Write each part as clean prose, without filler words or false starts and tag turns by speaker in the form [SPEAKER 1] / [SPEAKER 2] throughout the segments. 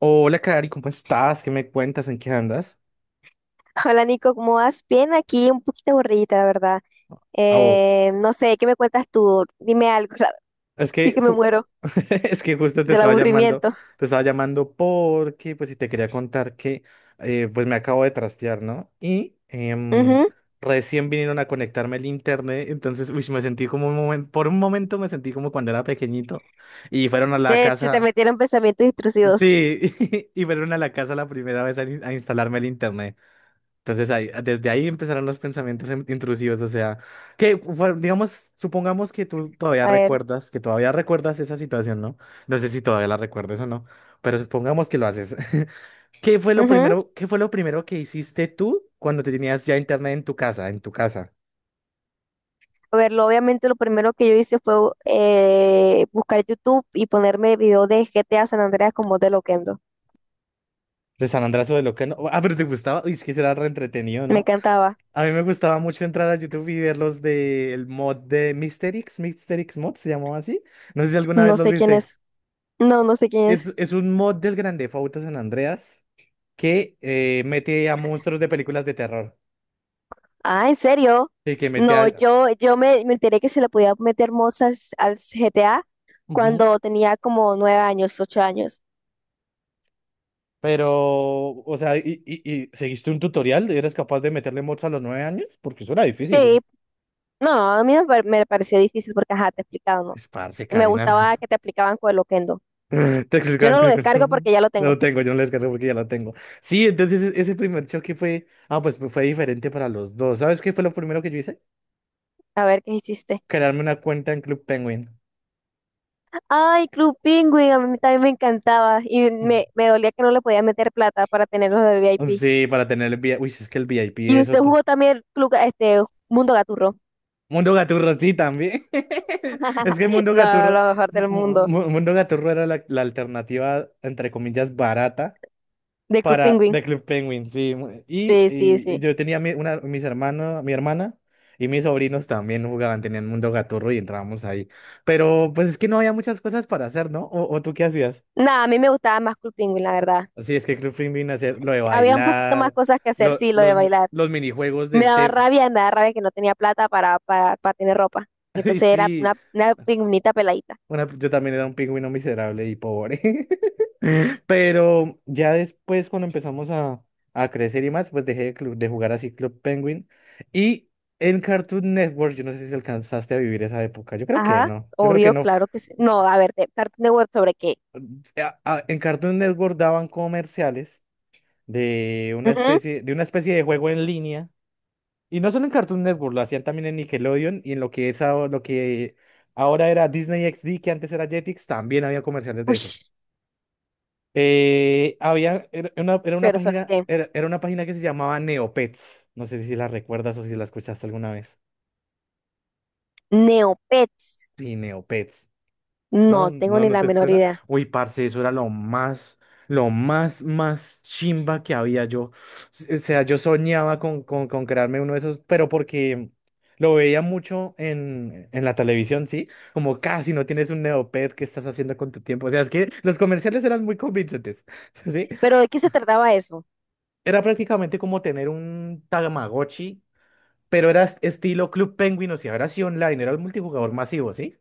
[SPEAKER 1] Hola, Cari, ¿cómo estás? ¿Qué me cuentas? ¿En qué andas?
[SPEAKER 2] Hola Nico, ¿cómo vas? Bien, aquí un poquito aburridita, la verdad.
[SPEAKER 1] Ah, oh,
[SPEAKER 2] No sé, ¿qué me cuentas tú? Dime algo,
[SPEAKER 1] es
[SPEAKER 2] sí
[SPEAKER 1] que
[SPEAKER 2] que me
[SPEAKER 1] ju-
[SPEAKER 2] muero
[SPEAKER 1] es que justo te
[SPEAKER 2] del
[SPEAKER 1] estaba llamando,
[SPEAKER 2] aburrimiento.
[SPEAKER 1] porque pues si te quería contar que pues me acabo de trastear, ¿no? Y
[SPEAKER 2] Ujú.
[SPEAKER 1] recién vinieron a conectarme el internet, entonces uy, me sentí como un momento, por un momento me sentí como cuando era pequeñito y fueron a la
[SPEAKER 2] De, se te
[SPEAKER 1] casa,
[SPEAKER 2] metieron pensamientos intrusivos.
[SPEAKER 1] sí, y fueron a la casa la primera vez a instalarme el internet. Entonces ahí, desde ahí empezaron los pensamientos intrusivos, o sea, que bueno, digamos, supongamos que tú todavía
[SPEAKER 2] A ver.
[SPEAKER 1] recuerdas, que todavía recuerdas esa situación, ¿no? No sé si todavía la recuerdas o no, pero supongamos que lo haces. ¿Qué fue lo
[SPEAKER 2] Ujú.
[SPEAKER 1] primero, qué fue lo primero que hiciste tú cuando te tenías ya internet en tu casa, en tu casa?
[SPEAKER 2] A ver, obviamente lo primero que yo hice fue buscar YouTube y ponerme video de GTA San Andreas con voz de Loquendo.
[SPEAKER 1] De San Andrés o de lo que no. Ah, pero te gustaba. Uy, es que será re entretenido,
[SPEAKER 2] Me
[SPEAKER 1] ¿no?
[SPEAKER 2] encantaba.
[SPEAKER 1] A mí me gustaba mucho entrar a YouTube y ver los del mod de Mysterix, Mysterix Mod, se llamaba así. No sé si alguna vez
[SPEAKER 2] No
[SPEAKER 1] los
[SPEAKER 2] sé quién
[SPEAKER 1] viste.
[SPEAKER 2] es. No, no sé quién es.
[SPEAKER 1] Es un mod del Grand Theft Auto San Andreas que mete a monstruos de películas de terror.
[SPEAKER 2] Ah, ¿en serio?
[SPEAKER 1] Sí, que mete
[SPEAKER 2] No,
[SPEAKER 1] a...
[SPEAKER 2] me enteré que se le podía meter mods al GTA
[SPEAKER 1] Ujú.
[SPEAKER 2] cuando tenía como 9 años, 8 años.
[SPEAKER 1] Pero, o sea, y seguiste un tutorial? ¿Eres capaz de meterle mods a los 9 años? Porque eso era difícil.
[SPEAKER 2] Sí, no, a mí me, par- me pareció difícil porque, ajá, te explicaban, ¿no?
[SPEAKER 1] Es parce,
[SPEAKER 2] Y me
[SPEAKER 1] Karina.
[SPEAKER 2] gustaba que te explicaban con el Oquendo.
[SPEAKER 1] Texas
[SPEAKER 2] Yo
[SPEAKER 1] Grand
[SPEAKER 2] no lo
[SPEAKER 1] Chronicles.
[SPEAKER 2] descargo porque ya lo
[SPEAKER 1] No lo
[SPEAKER 2] tengo.
[SPEAKER 1] tengo, yo no lo descargué porque ya lo tengo. Sí, entonces ese primer choque fue... Ah, pues, fue diferente para los dos. ¿Sabes qué fue lo primero que yo hice?
[SPEAKER 2] A ver qué hiciste.
[SPEAKER 1] Crearme una cuenta en Club Penguin.
[SPEAKER 2] Ay, Club Penguin, a mí también me encantaba. Y me dolía que no le podía meter plata para tenerlo de
[SPEAKER 1] Ujú.
[SPEAKER 2] VIP.
[SPEAKER 1] Sí, para tener el VIP. Uy, es que el
[SPEAKER 2] Y
[SPEAKER 1] VIP,
[SPEAKER 2] usted
[SPEAKER 1] otro
[SPEAKER 2] jugó también Club, este, Mundo Gaturro.
[SPEAKER 1] Mundo Gaturro, sí, también. Es que Mundo
[SPEAKER 2] No,
[SPEAKER 1] Gaturro,
[SPEAKER 2] lo mejor
[SPEAKER 1] Mu-
[SPEAKER 2] del mundo,
[SPEAKER 1] Mundo Gaturro era la, la alternativa, entre comillas, barata
[SPEAKER 2] de Club
[SPEAKER 1] para
[SPEAKER 2] Penguin.
[SPEAKER 1] The Club Penguin, sí. Y,
[SPEAKER 2] Sí, sí,
[SPEAKER 1] y- y
[SPEAKER 2] sí.
[SPEAKER 1] yo tenía mi, una, mis hermanos, mi hermana y mis sobrinos también jugaban, tenían Mundo Gaturro y entrábamos ahí. Pero pues es que no había muchas cosas para hacer, ¿no? O tú qué hacías?
[SPEAKER 2] Nada, a mí me gustaba más Cool Penguin, la verdad.
[SPEAKER 1] Sí, es que Club Penguin hacía lo de
[SPEAKER 2] Había un poquito más
[SPEAKER 1] bailar,
[SPEAKER 2] cosas que hacer,
[SPEAKER 1] lo-
[SPEAKER 2] sí, lo de
[SPEAKER 1] los,
[SPEAKER 2] bailar.
[SPEAKER 1] los minijuegos del tema.
[SPEAKER 2] Me daba rabia que no tenía plata para tener ropa. Entonces era
[SPEAKER 1] Sí,
[SPEAKER 2] una pingüinita peladita.
[SPEAKER 1] Yo también era un pingüino miserable y pobre. Pero ya después, cuando empezamos a crecer y más, pues dejé de, de jugar así Club Penguin. Y en Cartoon Network, yo no sé si alcanzaste a vivir esa época. Yo creo que
[SPEAKER 2] Ajá,
[SPEAKER 1] no. Yo creo que
[SPEAKER 2] obvio,
[SPEAKER 1] no.
[SPEAKER 2] claro que sí. No, a ver, de Cartoon Network sobre qué.
[SPEAKER 1] En Cartoon Network daban comerciales de una
[SPEAKER 2] Ujú.
[SPEAKER 1] especie, de una especie de juego en línea. Y no solo en Cartoon Network, lo hacían también en Nickelodeon y en lo que es ahora, lo que ahora era Disney XD, que antes era Jetix, también había comerciales de eso.
[SPEAKER 2] Ush,
[SPEAKER 1] Había, era una
[SPEAKER 2] pero sobre
[SPEAKER 1] página,
[SPEAKER 2] qué.
[SPEAKER 1] era, era una página que se llamaba Neopets. No sé si la recuerdas o si la escuchaste alguna vez.
[SPEAKER 2] Neopets.
[SPEAKER 1] Sí, Neopets. ¿No?
[SPEAKER 2] No tengo
[SPEAKER 1] ¿No,
[SPEAKER 2] ni
[SPEAKER 1] no
[SPEAKER 2] la
[SPEAKER 1] te
[SPEAKER 2] menor
[SPEAKER 1] suena?
[SPEAKER 2] idea.
[SPEAKER 1] Uy, parce, eso era lo más, más chimba que había yo. O sea, yo soñaba con crearme uno de esos, pero porque lo veía mucho en la televisión, ¿sí? Como casi no tienes un Neopet, ¿qué estás haciendo con tu tiempo? O sea, es que los comerciales eran muy convincentes, ¿sí?
[SPEAKER 2] Pero ¿de qué se trataba eso?
[SPEAKER 1] Era prácticamente como tener un Tamagotchi, pero era estilo Club Penguin, o sea, era así online, era el multijugador masivo, ¿sí?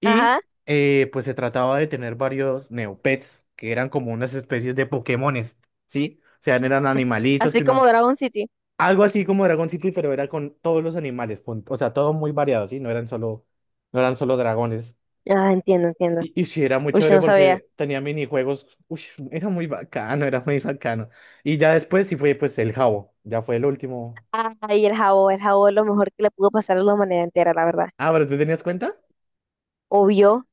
[SPEAKER 1] Y
[SPEAKER 2] Ajá,
[SPEAKER 1] eh, pues se trataba de tener varios Neopets, que eran como unas especies de Pokémones, ¿sí? O sea, eran animalitos
[SPEAKER 2] así
[SPEAKER 1] que
[SPEAKER 2] como
[SPEAKER 1] uno...
[SPEAKER 2] Dragon City.
[SPEAKER 1] Algo así como Dragon City, pero era con todos los animales, punto. O sea, todo muy variado, ¿sí? No eran solo dragones.
[SPEAKER 2] Ah, entiendo, entiendo.
[SPEAKER 1] Y sí, era muy
[SPEAKER 2] Uy,
[SPEAKER 1] chévere
[SPEAKER 2] no sabía.
[SPEAKER 1] porque tenía minijuegos. Uy, era muy bacano, era muy bacano. Y ya después sí fue pues el Jabo, ya fue el último
[SPEAKER 2] Ay, el jabón, lo mejor que le pudo pasar a la humanidad entera, la verdad.
[SPEAKER 1] Ah, pero ¿tú tenías cuenta?
[SPEAKER 2] Obvio,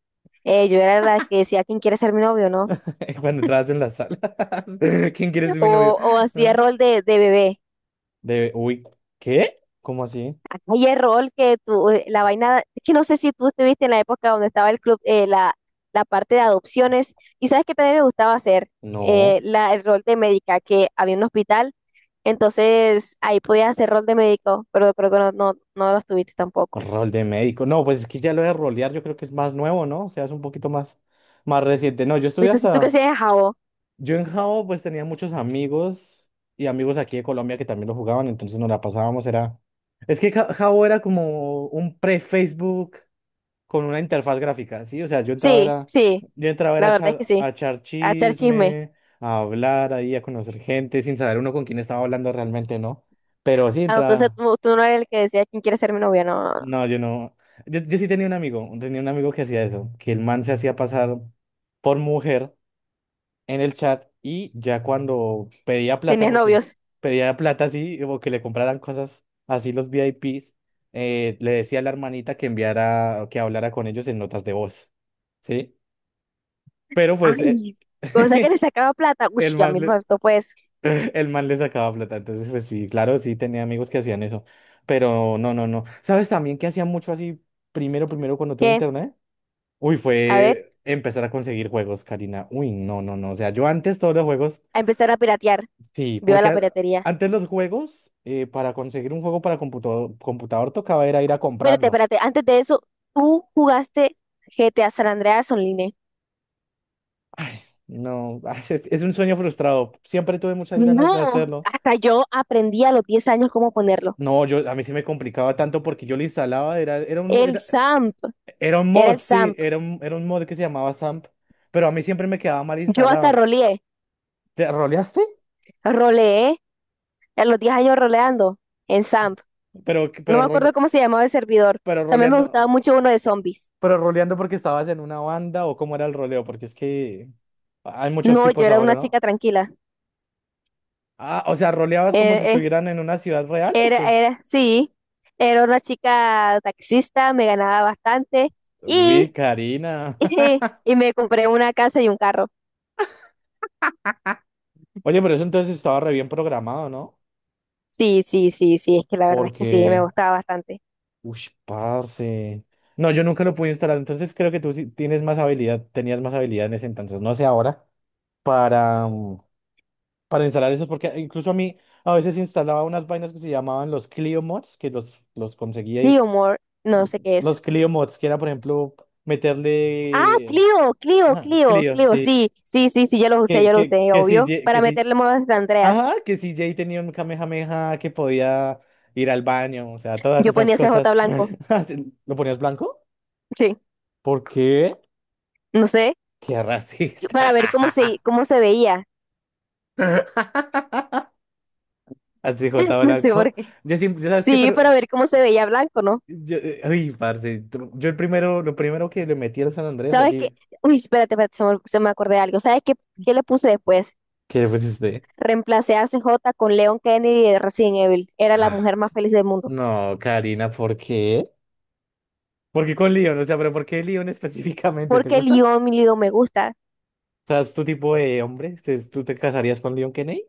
[SPEAKER 2] yo era la que decía quién quiere ser mi novio, ¿no?
[SPEAKER 1] Cuando entrabas en las salas. ¿Quién quiere ser mi
[SPEAKER 2] O,
[SPEAKER 1] novio?
[SPEAKER 2] o hacía
[SPEAKER 1] Ah,
[SPEAKER 2] rol de bebé.
[SPEAKER 1] Uy, ¿qué? ¿Cómo así?
[SPEAKER 2] Hay el rol que tú, la vaina, es que no sé si tú estuviste en la época donde estaba el club, la parte de adopciones, y sabes que también me gustaba hacer
[SPEAKER 1] No,
[SPEAKER 2] el rol de médica, que había un hospital, entonces ahí podías hacer rol de médico, pero creo que no lo estuviste tampoco.
[SPEAKER 1] rol de médico. No, pues es que ya lo de rolear yo creo que es más nuevo, ¿no? O sea, es un poquito más, más reciente. No, yo estuve
[SPEAKER 2] Entonces, ¿tú qué
[SPEAKER 1] hasta...
[SPEAKER 2] hacías, Javo?
[SPEAKER 1] Yo en Jao pues tenía muchos amigos y amigos aquí de Colombia que también lo jugaban, entonces nos la pasábamos, era... Es que Jao era como un pre-Facebook con una interfaz gráfica, ¿sí? O sea,
[SPEAKER 2] Sí, sí,
[SPEAKER 1] yo entraba era
[SPEAKER 2] la verdad es que
[SPEAKER 1] a
[SPEAKER 2] sí,
[SPEAKER 1] echar
[SPEAKER 2] a echar chisme.
[SPEAKER 1] chisme, a hablar ahí, a conocer gente, sin saber uno con quién estaba hablando realmente, ¿no? Pero sí
[SPEAKER 2] Ah, entonces
[SPEAKER 1] entraba,
[SPEAKER 2] tú no eres el que decía quién quiere ser mi novia, no, no, no.
[SPEAKER 1] no, yo no, yo sí tenía un amigo que hacía eso, que el man se hacía pasar por mujer en el chat y ya cuando pedía plata,
[SPEAKER 2] Tenías
[SPEAKER 1] porque
[SPEAKER 2] novios.
[SPEAKER 1] pedía plata así, o que le compraran cosas así los VIPs, le decía a la hermanita que enviara, que hablara con ellos en notas de voz, ¿sí? Pero pues
[SPEAKER 2] Ay, cosa que le sacaba plata. Uy,
[SPEAKER 1] el
[SPEAKER 2] ya
[SPEAKER 1] man
[SPEAKER 2] mismo
[SPEAKER 1] le,
[SPEAKER 2] esto pues.
[SPEAKER 1] el man le sacaba plata. Entonces, pues sí, claro, sí tenía amigos que hacían eso. Pero no, no, no. ¿Sabes también que hacía mucho así primero cuando tuve
[SPEAKER 2] ¿Qué?
[SPEAKER 1] internet? Uy,
[SPEAKER 2] A ver,
[SPEAKER 1] fue empezar a conseguir juegos, Karina. Uy, no, no, no. O sea, yo antes todos los juegos,
[SPEAKER 2] a empezar a piratear.
[SPEAKER 1] sí,
[SPEAKER 2] Viva
[SPEAKER 1] porque
[SPEAKER 2] la piratería.
[SPEAKER 1] antes los juegos, para conseguir un juego para computador, computador tocaba era ir a
[SPEAKER 2] Espérate,
[SPEAKER 1] comprarlo.
[SPEAKER 2] espérate. Antes de eso, tú jugaste GTA San Andreas Online.
[SPEAKER 1] No, es un sueño frustrado. Siempre tuve muchas ganas de
[SPEAKER 2] No,
[SPEAKER 1] hacerlo
[SPEAKER 2] hasta yo aprendí a los 10 años cómo ponerlo.
[SPEAKER 1] No, yo a mí sí me complicaba tanto porque yo le instalaba, era, era un,
[SPEAKER 2] El
[SPEAKER 1] era,
[SPEAKER 2] SAMP,
[SPEAKER 1] era un
[SPEAKER 2] era
[SPEAKER 1] mod,
[SPEAKER 2] el
[SPEAKER 1] sí,
[SPEAKER 2] SAMP.
[SPEAKER 1] era un mod que se llamaba SAMP, pero a mí siempre me quedaba mal
[SPEAKER 2] Yo hasta
[SPEAKER 1] instalado.
[SPEAKER 2] roleé,
[SPEAKER 1] ¿Te roleaste?
[SPEAKER 2] roleé a los 10 años roleando en SAMP.
[SPEAKER 1] Pero, que-
[SPEAKER 2] No
[SPEAKER 1] pero,
[SPEAKER 2] me
[SPEAKER 1] role-
[SPEAKER 2] acuerdo cómo se llamaba el servidor.
[SPEAKER 1] pero
[SPEAKER 2] También me gustaba
[SPEAKER 1] roleando,
[SPEAKER 2] mucho uno de zombies.
[SPEAKER 1] pero roleando porque estabas en una banda o cómo era el roleo, porque es que hay muchos
[SPEAKER 2] No, yo
[SPEAKER 1] tipos
[SPEAKER 2] era
[SPEAKER 1] ahora,
[SPEAKER 2] una
[SPEAKER 1] ¿no?
[SPEAKER 2] chica tranquila.
[SPEAKER 1] Ah, o sea, roleabas como si
[SPEAKER 2] Eh, eh,
[SPEAKER 1] estuvieran en una ciudad real o qué?
[SPEAKER 2] Sí, era una chica taxista, me ganaba bastante
[SPEAKER 1] Uy,
[SPEAKER 2] y,
[SPEAKER 1] Karina.
[SPEAKER 2] y, me compré una casa y un carro.
[SPEAKER 1] Oye, pero eso entonces estaba re bien programado, ¿no?
[SPEAKER 2] Sí, sí, sí, sí, es que la verdad es que sí, me
[SPEAKER 1] Porque
[SPEAKER 2] gustaba bastante.
[SPEAKER 1] Uy, parce. No, yo nunca lo pude instalar, entonces creo que tú sí tienes más habilidad, tenías más habilidad en ese entonces, no sé ahora, para, mm, para instalar eso, porque incluso a mí a veces instalaba unas vainas que se llamaban los Clio Mods, que los conseguía y
[SPEAKER 2] Clio More, no sé qué es.
[SPEAKER 1] los Clio Mods, que era, por ejemplo,
[SPEAKER 2] Ah,
[SPEAKER 1] meterle... Ajá, Clio,
[SPEAKER 2] Clio,
[SPEAKER 1] sí.
[SPEAKER 2] sí, sí, sí, sí,
[SPEAKER 1] Que,
[SPEAKER 2] yo lo
[SPEAKER 1] que,
[SPEAKER 2] usé,
[SPEAKER 1] que si,
[SPEAKER 2] obvio,
[SPEAKER 1] Ye- que
[SPEAKER 2] para
[SPEAKER 1] si,
[SPEAKER 2] meterle modas de Andreas.
[SPEAKER 1] ajá, que si Jay tenía un Kamehameha que podía ir al baño, o sea, todas
[SPEAKER 2] Yo
[SPEAKER 1] esas
[SPEAKER 2] ponía C CJ
[SPEAKER 1] cosas.
[SPEAKER 2] blanco,
[SPEAKER 1] ¿Lo ponías blanco?
[SPEAKER 2] sí,
[SPEAKER 1] ¿Por qué?
[SPEAKER 2] no sé,
[SPEAKER 1] Qué
[SPEAKER 2] para
[SPEAKER 1] racista.
[SPEAKER 2] ver cómo se veía,
[SPEAKER 1] Así, J
[SPEAKER 2] no sé
[SPEAKER 1] Blanco.
[SPEAKER 2] por qué.
[SPEAKER 1] Yo siempre, ¿sabes qué?
[SPEAKER 2] Sí, para
[SPEAKER 1] Pero,
[SPEAKER 2] ver cómo se veía blanco, ¿no?
[SPEAKER 1] yo, ay, parce, yo el primero, lo primero que le metí al San Andrés,
[SPEAKER 2] ¿Sabes qué?
[SPEAKER 1] así,
[SPEAKER 2] Uy, espérate, espérate, se me acordé de algo. ¿Sabes qué, qué le puse después?
[SPEAKER 1] ¿Qué fue este.
[SPEAKER 2] Reemplacé a C J con Leon Kennedy de Resident Evil. Era la
[SPEAKER 1] Ah,
[SPEAKER 2] mujer más feliz del mundo.
[SPEAKER 1] no, Karina, ¿por qué? ¿Por qué con Leon? O sea, pero ¿por qué Leon específicamente? ¿Te
[SPEAKER 2] Porque
[SPEAKER 1] gusta? O
[SPEAKER 2] Leon, mi Leon, me gusta.
[SPEAKER 1] sea, es tu tipo de hombre. Entonces, ¿Tú te casarías con Leon Kennedy?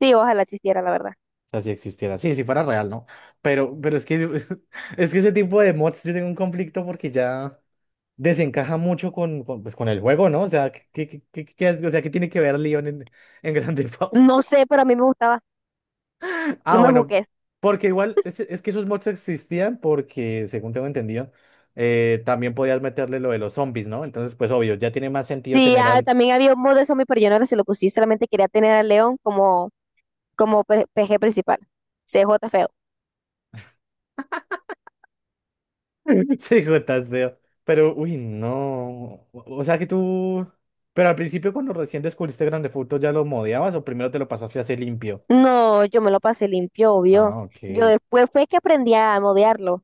[SPEAKER 2] Sí, ojalá existiera, la verdad.
[SPEAKER 1] O sea, si existiera. Sí, si fuera real, ¿no? Pero es que, es que ese tipo de mods yo tengo un conflicto porque ya desencaja mucho con, pues, con el juego, ¿no? O sea, o sea, ¿qué tiene que ver Leon en Grand Theft
[SPEAKER 2] No
[SPEAKER 1] Auto?
[SPEAKER 2] sé, pero a mí me gustaba.
[SPEAKER 1] Ah,
[SPEAKER 2] No me
[SPEAKER 1] bueno,
[SPEAKER 2] juzgues.
[SPEAKER 1] porque igual es que esos mods existían porque, según tengo entendido, también podías meterle lo de los zombies, ¿no? Entonces, pues obvio, ya tiene más sentido
[SPEAKER 2] Sí,
[SPEAKER 1] tener a
[SPEAKER 2] ah, también había un mod de zombie, pero yo no se lo puse. Solamente quería tener a Leon como, PG principal. C J feo.
[SPEAKER 1] Sí, hijo, estás feo. Pero, uy, no. O sea que tú. Pero al principio, cuando recién descubriste Grande Furto, ¿ya lo modeabas o primero te lo pasaste así limpio?
[SPEAKER 2] No, yo me lo pasé limpio, obvio.
[SPEAKER 1] Ah, ok.
[SPEAKER 2] Yo después fue que aprendí a modearlo.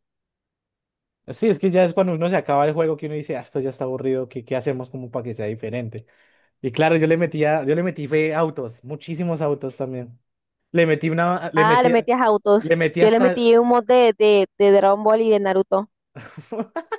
[SPEAKER 1] Sí, es que ya es cuando uno se acaba el juego que uno dice, ah, esto ya está aburrido, ¿qué, qué hacemos como para que sea diferente? Y claro, yo le metía, yo le metí fue autos, muchísimos autos también. Le metí una,
[SPEAKER 2] Ah, le metías autos.
[SPEAKER 1] le metí
[SPEAKER 2] Yo le
[SPEAKER 1] hasta.
[SPEAKER 2] metí un mod de Dragon Ball y de Naruto.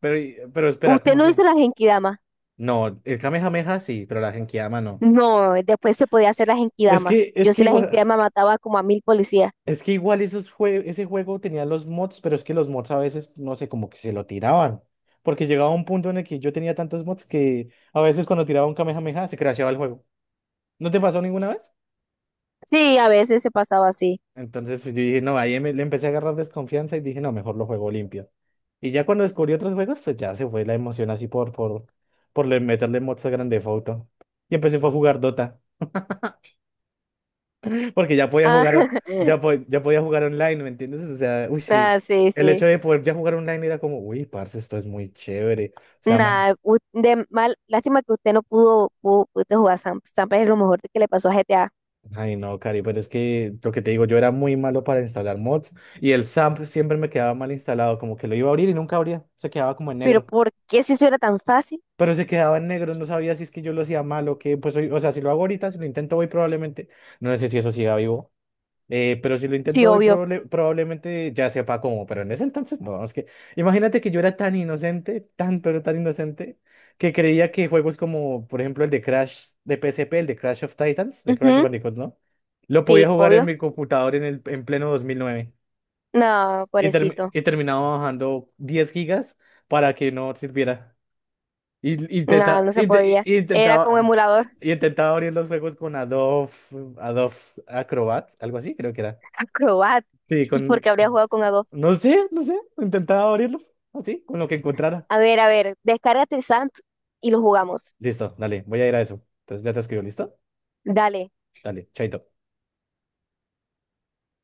[SPEAKER 1] Pero, pero espera,
[SPEAKER 2] ¿Usted
[SPEAKER 1] ¿cómo
[SPEAKER 2] no hizo
[SPEAKER 1] se?
[SPEAKER 2] las Genkidama?
[SPEAKER 1] No, el Kamehameha sí, pero la Genkidama no.
[SPEAKER 2] No, después se podía hacer las
[SPEAKER 1] Es
[SPEAKER 2] Genkidama.
[SPEAKER 1] que, es
[SPEAKER 2] Yo
[SPEAKER 1] que
[SPEAKER 2] sí las
[SPEAKER 1] igual.
[SPEAKER 2] Genkidama mataba como a 1000 policías.
[SPEAKER 1] Es que igual esos ese juego tenía los mods, pero es que los mods a veces, no sé, como que se lo tiraban. Porque llegaba un punto en el que yo tenía tantos mods que a veces cuando tiraba un Kamehameha se crasheaba el juego. ¿No te pasó ninguna vez?
[SPEAKER 2] Sí, a veces se pasaba así.
[SPEAKER 1] Entonces yo dije, no, ahí le empecé a agarrar desconfianza y dije, no, mejor lo juego limpio. Y ya cuando descubrí otros juegos, pues ya se fue la emoción así por meterle mods a grande foto Y empecé fue a jugar Dota. Porque ya podía
[SPEAKER 2] Ah,
[SPEAKER 1] jugar, ya podía jugar online, ¿me entiendes? O sea, uy, sí,
[SPEAKER 2] ah, sí,
[SPEAKER 1] el
[SPEAKER 2] sí.
[SPEAKER 1] hecho de poder ya jugar online era como, uy, parce, esto es muy chévere. O sea,
[SPEAKER 2] Nada, de mal, lástima que usted no pudiste jugar Sam. Sam es lo mejor que le pasó a GTA.
[SPEAKER 1] ay, no, Cari, pero es que lo que te digo, yo era muy malo para instalar mods y el SAMP siempre me quedaba mal instalado, como que lo iba a abrir y nunca abría, se quedaba como en
[SPEAKER 2] Pero
[SPEAKER 1] negro.
[SPEAKER 2] ¿por qué si eso era tan fácil?
[SPEAKER 1] Pero se quedaba en negro, no sabía si es que yo lo hacía mal o qué, pues, o sea, si lo hago ahorita, si lo intento hoy probablemente, no sé si eso siga vivo. Pero si lo
[SPEAKER 2] Sí,
[SPEAKER 1] intento hoy,
[SPEAKER 2] obvio.
[SPEAKER 1] probablemente ya sepa cómo, pero en ese entonces no, es que imagínate que yo era tan inocente, tan pero tan inocente, que creía que juegos como, por ejemplo, el de Crash de PSP, el de Crash of Titans, de Crash
[SPEAKER 2] Ujú.
[SPEAKER 1] Bandicoot, ¿no? Lo
[SPEAKER 2] Sí,
[SPEAKER 1] podía jugar en
[SPEAKER 2] obvio.
[SPEAKER 1] mi computador en, el, en pleno 2009
[SPEAKER 2] No,
[SPEAKER 1] y,
[SPEAKER 2] pobrecito.
[SPEAKER 1] terminaba bajando 10 gigas para que no sirviera. Y,
[SPEAKER 2] No,
[SPEAKER 1] intenta-
[SPEAKER 2] no se
[SPEAKER 1] inte-
[SPEAKER 2] podía.
[SPEAKER 1] y-
[SPEAKER 2] Era como
[SPEAKER 1] intentaba,
[SPEAKER 2] emulador.
[SPEAKER 1] y intentaba abrir los juegos con Adobe, Adobe Acrobat, algo así creo que era.
[SPEAKER 2] Acrobat.
[SPEAKER 1] Sí,
[SPEAKER 2] ¿Y por
[SPEAKER 1] con...
[SPEAKER 2] qué habría jugado con A2?
[SPEAKER 1] No sé, no sé. Intentaba abrirlos. Así, con lo que encontrara.
[SPEAKER 2] A ver, descárgate el SAMP y lo jugamos.
[SPEAKER 1] Listo, dale, voy a ir a eso. Entonces ya te escribo, ¿listo?
[SPEAKER 2] Dale.
[SPEAKER 1] Dale, chaito.